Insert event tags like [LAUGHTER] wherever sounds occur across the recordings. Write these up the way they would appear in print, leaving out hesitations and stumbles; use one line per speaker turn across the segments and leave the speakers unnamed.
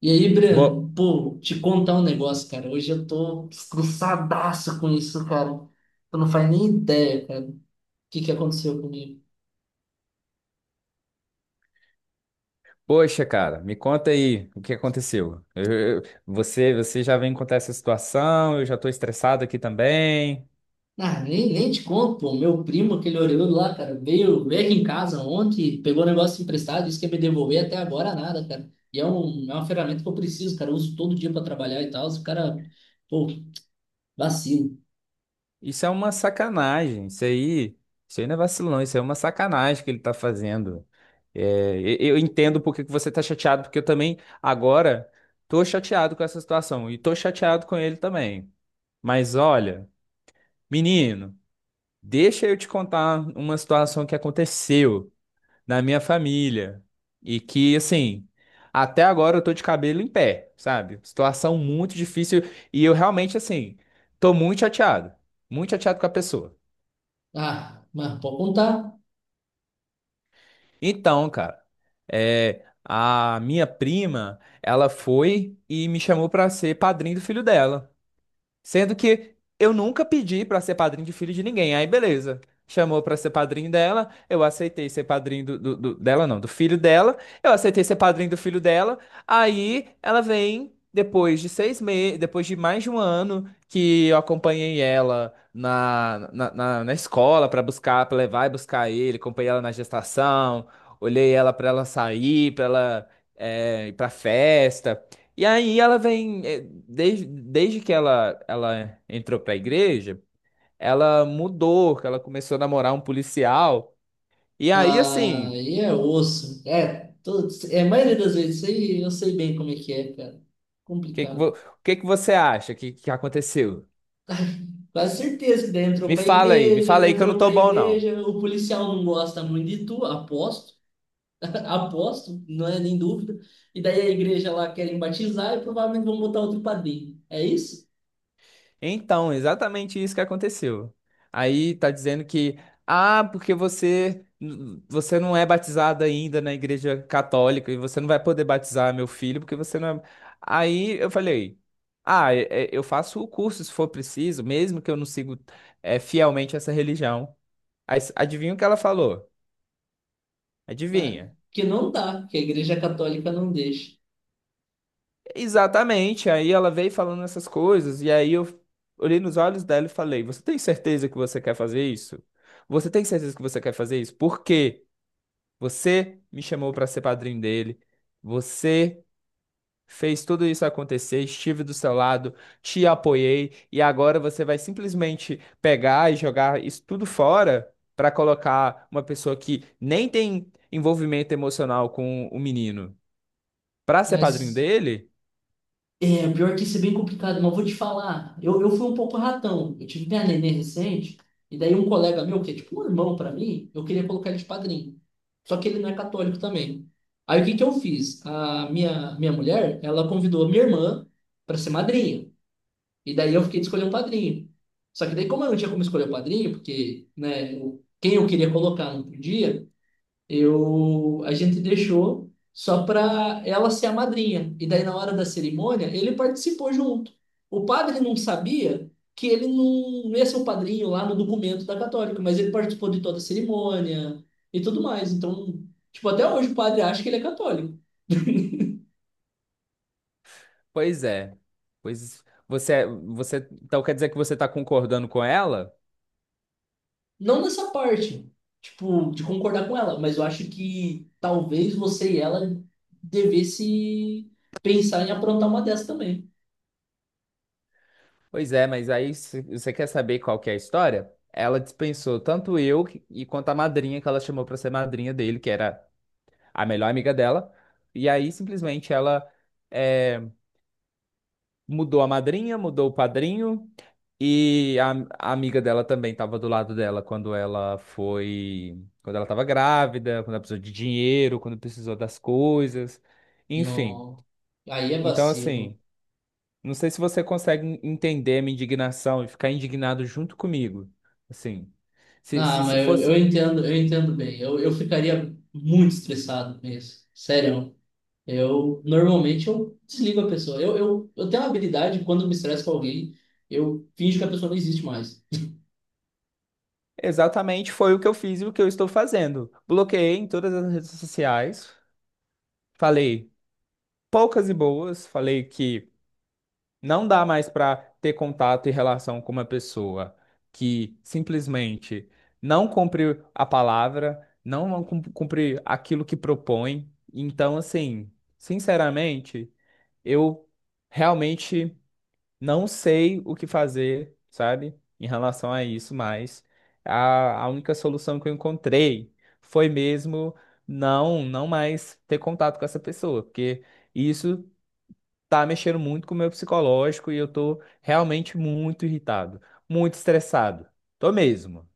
E aí, Breno,
Bo-
pô, te contar um negócio, cara. Hoje eu tô estressadaço com isso, cara. Tu não faz nem ideia, cara, o que aconteceu comigo.
Poxa, cara, me conta aí o que aconteceu. Você já vem contar essa situação, eu já tô estressado aqui também.
Ah, nem te conto, pô. Meu primo, aquele orelhudo lá, cara, veio aqui em casa ontem, pegou o negócio emprestado, disse que ia me devolver, até agora nada, cara. É uma ferramenta que eu preciso, cara. Eu uso todo dia pra trabalhar e tal. O cara, pô, vacilo.
Isso é uma sacanagem, isso aí não é vacilão, isso aí é uma sacanagem que ele tá fazendo. É, eu entendo por que que você tá chateado, porque eu também agora tô chateado com essa situação e tô chateado com ele também. Mas olha, menino, deixa eu te contar uma situação que aconteceu na minha família. E que, assim, até agora eu tô de cabelo em pé, sabe? Situação muito difícil e eu realmente, assim, tô muito chateado. Muito chateado com a pessoa.
Ah, mas pode contar.
Então, cara, é, a minha prima, ela foi e me chamou pra ser padrinho do filho dela. Sendo que eu nunca pedi pra ser padrinho de filho de ninguém. Aí, beleza. Chamou pra ser padrinho dela, eu aceitei ser padrinho não, do filho dela. Eu aceitei ser padrinho do filho dela. Aí ela vem depois de seis meses, depois de mais de um ano que eu acompanhei ela na escola pra buscar, pra levar e buscar ele, acompanhei ela na gestação, olhei ela pra ela sair, pra ela ir pra festa. E aí ela vem, desde que ela entrou pra igreja, ela mudou, que ela começou a namorar um policial. E aí, assim,
Ah,
o
e é osso. A maioria das vezes, isso aí eu sei bem como é que é, cara.
que que,
Complicado.
o que que você acha que aconteceu?
Quase certeza que daí
Me fala aí que eu não
entrou
tô
pra
bom, não.
igreja, o policial não gosta muito de tu, aposto, [LAUGHS] aposto, não é nem dúvida. E daí a igreja lá querem batizar e provavelmente vão botar outro padrinho. É isso?
Então, exatamente isso que aconteceu. Aí tá dizendo que, ah, porque você não é batizado ainda na igreja católica e você não vai poder batizar meu filho porque você não é... Aí eu falei, ah, eu faço o curso se for preciso, mesmo que eu não sigo fielmente essa religião. Aí, adivinha o que ela falou?
Ah,
Adivinha?
que não dá, que a igreja católica não deixa.
Exatamente. Aí ela veio falando essas coisas, e aí eu olhei nos olhos dela e falei: Você tem certeza que você quer fazer isso? Você tem certeza que você quer fazer isso? Porque você me chamou para ser padrinho dele, você fez tudo isso acontecer, estive do seu lado, te apoiei, e agora você vai simplesmente pegar e jogar isso tudo fora para colocar uma pessoa que nem tem envolvimento emocional com o menino para ser padrinho
Mas
dele?
É, pior que isso é bem complicado, mas vou te falar. Eu fui um pouco ratão. Eu tive minha neném recente, e daí um colega meu, que é tipo um irmão pra mim, eu queria colocar ele de padrinho. Só que ele não é católico também. Aí o que eu fiz? A minha mulher, ela convidou a minha irmã pra ser madrinha. E daí eu fiquei de escolher um padrinho. Só que daí, como eu não tinha como escolher o padrinho, porque, né, quem eu queria colocar não podia, a gente deixou só para ela ser a madrinha. E daí, na hora da cerimônia, ele participou junto. O padre não sabia que ele não ia ser o padrinho lá no documento da católica, mas ele participou de toda a cerimônia e tudo mais. Então, tipo, até hoje o padre acha que ele é católico. [LAUGHS]
Pois é. Pois você, então quer dizer que você está concordando com ela?
Não nessa parte, tipo, de concordar com ela, mas eu acho que talvez você e ela devesse pensar em aprontar uma dessa também.
Pois é, mas aí você quer saber qual que é a história? Ela dispensou tanto eu e quanto a madrinha que ela chamou para ser madrinha dele, que era a melhor amiga dela. E aí simplesmente ela é, mudou a madrinha, mudou o padrinho e a, a amiga dela também estava do lado dela quando ela foi, quando ela estava grávida, quando ela precisou de dinheiro, quando precisou das coisas, enfim.
Não. Aí é
Então,
vacilo.
assim, não sei se você consegue entender a minha indignação e ficar indignado junto comigo. Assim,
Ah,
se
mas eu,
fosse
eu entendo, eu entendo bem. Eu ficaria muito estressado mesmo. Sério. Eu normalmente eu desligo a pessoa. Eu tenho uma habilidade, quando eu me estresso com alguém, eu finjo que a pessoa não existe mais.
exatamente foi o que eu fiz e o que eu estou fazendo. Bloqueei em todas as redes sociais, falei poucas e boas, falei que não dá mais para ter contato e relação com uma pessoa que simplesmente não cumpre a palavra, não cum- cumpre aquilo que propõe. Então, assim, sinceramente, eu realmente não sei o que fazer, sabe, em relação a isso, mas a única solução que eu encontrei foi mesmo não mais ter contato com essa pessoa, porque isso tá mexendo muito com o meu psicológico e eu tô realmente muito irritado, muito estressado. Tô mesmo.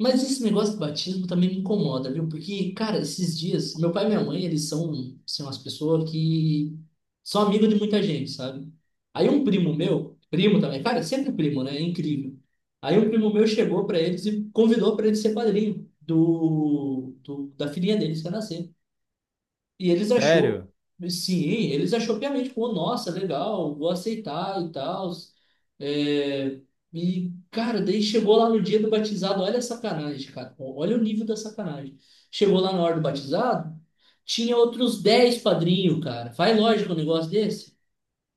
Mas esse negócio do batismo também me incomoda, viu? Porque, cara, esses dias, meu pai e minha mãe, eles são umas pessoas que são amigos de muita gente, sabe? Aí um primo meu, primo também, cara, sempre primo, né? É incrível. Aí um primo meu chegou pra eles e convidou pra ele ser padrinho da filhinha deles que ia nascer. E eles achou,
Sério?
sim, eles achou piamente, pô, nossa, legal, vou aceitar e tal. É, e, cara, daí chegou lá no dia do batizado, olha a sacanagem, cara, olha o nível da sacanagem. Chegou lá na hora do batizado, tinha outros 10 padrinhos, cara. Faz lógico um negócio desse?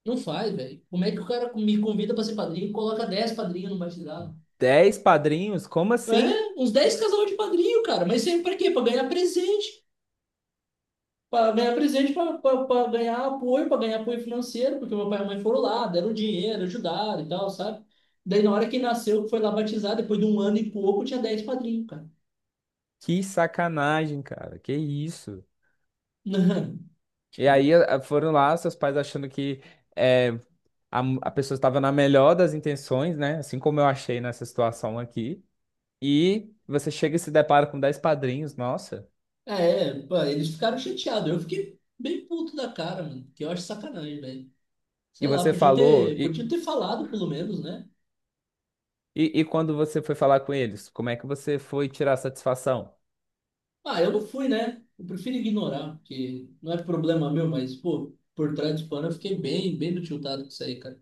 Não faz, velho. Como é que o cara me convida pra ser padrinho e coloca 10 padrinhos no batizado?
Dez padrinhos? Como
É,
assim?
uns 10 casal de padrinho, cara, mas sempre pra quê? Pra ganhar presente. Para ganhar apoio, financeiro, porque meu pai e minha mãe foram lá, deram dinheiro, ajudaram e tal, sabe? Daí, na hora que nasceu, que foi lá batizar, depois de um ano e pouco, tinha 10 padrinhos, cara. [LAUGHS]
Que sacanagem, cara. Que isso?
Não,
E
tipo,
aí foram lá, seus pais achando que eh, a pessoa estava na melhor das intenções, né? Assim como eu achei nessa situação aqui. E você chega e se depara com 10 padrinhos, nossa.
é, Pô, eles ficaram chateados. Eu fiquei bem puto da cara, mano, que eu acho sacanagem, velho.
E
Sei lá,
você falou,
podiam ter falado, pelo menos, né?
e quando você foi falar com eles, como é que você foi tirar satisfação?
Ah, eu não fui, né? Eu prefiro ignorar, porque não é problema meu, mas, pô, por trás do pano eu fiquei bem tiltado com isso aí, cara.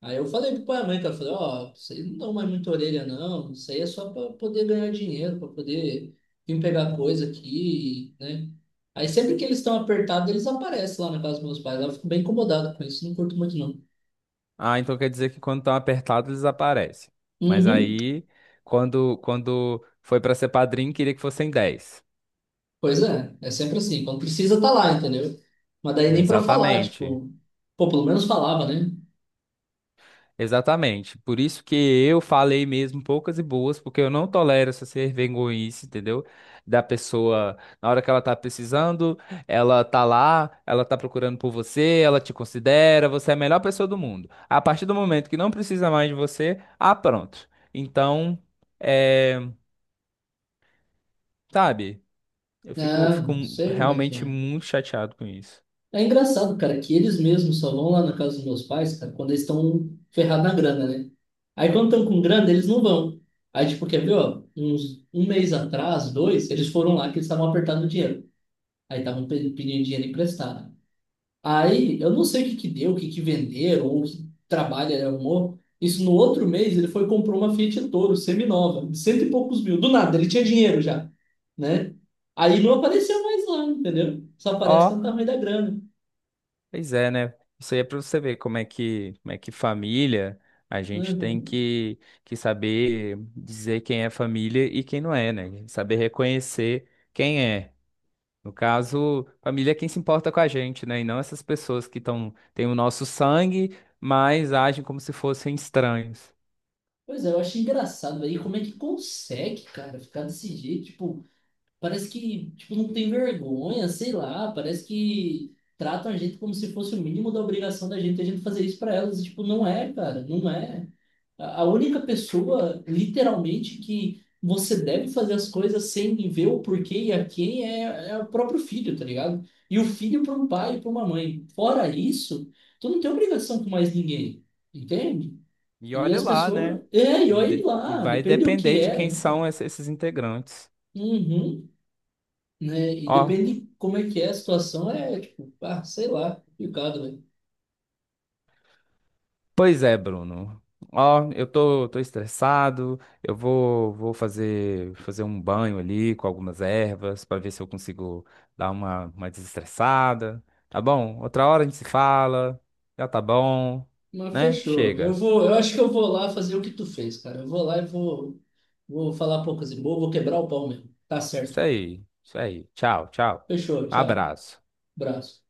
Aí eu falei pro pai e mãe, cara, eu falei, ó, isso aí não dá mais muita orelha, não. Isso aí é só para poder ganhar dinheiro, para poder vir pegar coisa aqui, né? Aí sempre que eles estão apertados, eles aparecem lá na casa dos meus pais. Aí eu fico bem incomodado com isso, não curto muito, não.
Ah, então quer dizer que quando estão apertados eles aparecem. Mas
Uhum.
aí, quando foi para ser padrinho, queria que fossem 10.
Pois é, é sempre assim. Quando precisa, tá lá, entendeu? Mas daí
É,
nem para falar,
exatamente.
tipo, pô, pelo menos falava, né?
Exatamente. Por isso que eu falei mesmo poucas e boas, porque eu não tolero essa ser vergonhice, entendeu? Da pessoa, na hora que ela tá precisando, ela tá lá, ela tá procurando por você, ela te considera, você é a melhor pessoa do mundo. A partir do momento que não precisa mais de você, ah, pronto. Então, é, sabe, eu
Não,
fico
não sei como é que
realmente
é.
muito chateado com isso.
É engraçado, cara, que eles mesmos só vão lá na casa dos meus pais, cara, quando eles estão ferrados na grana, né? Aí quando estão com grana, eles não vão. Aí, tipo, quer ver, ó, uns um mês atrás, dois, eles foram lá que eles estavam apertando o dinheiro. Aí estavam pedindo dinheiro emprestado. Aí, eu não sei o que deu, o que venderam, ou o que trabalho ele arrumou. Isso no outro mês, ele foi e comprou uma Fiat Toro, seminova, de cento e poucos mil. Do nada, ele tinha dinheiro já, né? Aí não apareceu mais lá, entendeu? Só aparece
Ó.
quando tá ruim da grana.
Pois é, né? Isso aí é para você ver como é que família, a gente tem
Uhum.
que saber dizer quem é família e quem não é, né? Saber reconhecer quem é. No caso, família é quem se importa com a gente, né? E não essas pessoas que tão, têm o nosso sangue, mas agem como se fossem estranhos.
Pois é, eu acho engraçado, velho. E como é que consegue, cara, ficar desse jeito? Tipo, parece que, tipo, não tem vergonha, sei lá, parece que tratam a gente como se fosse o mínimo da obrigação da gente, a gente fazer isso para elas. E, tipo, não é, cara, não é. A única pessoa, literalmente, que você deve fazer as coisas sem ver o porquê e a quem é, é o próprio filho, tá ligado? E o filho para um pai e para uma mãe. Fora isso, tu não tem obrigação com mais ninguém, entende?
E
E
olha
as
lá,
pessoas.
né?
É, e
E,
olha
e
lá,
vai
depende do que
depender
é
de quem
ainda.
são esses integrantes.
Uhum, né? E
Ó,
depende de como é que é a situação, é tipo, ah, sei lá, complicado, velho.
pois é, Bruno. Ó, eu tô estressado. Eu vou fazer, fazer um banho ali com algumas ervas para ver se eu consigo dar uma desestressada. Tá bom? Outra hora a gente se fala. Já tá bom,
Mas
né?
fechou. Eu
Chega.
vou, eu acho que eu vou lá fazer o que tu fez, cara. Eu vou lá e vou, Vou falar poucas e boas, vou quebrar o pau mesmo. Tá certo.
Isso aí, isso aí. Tchau, tchau.
Fechou, tchau.
Abraço.
Abraço.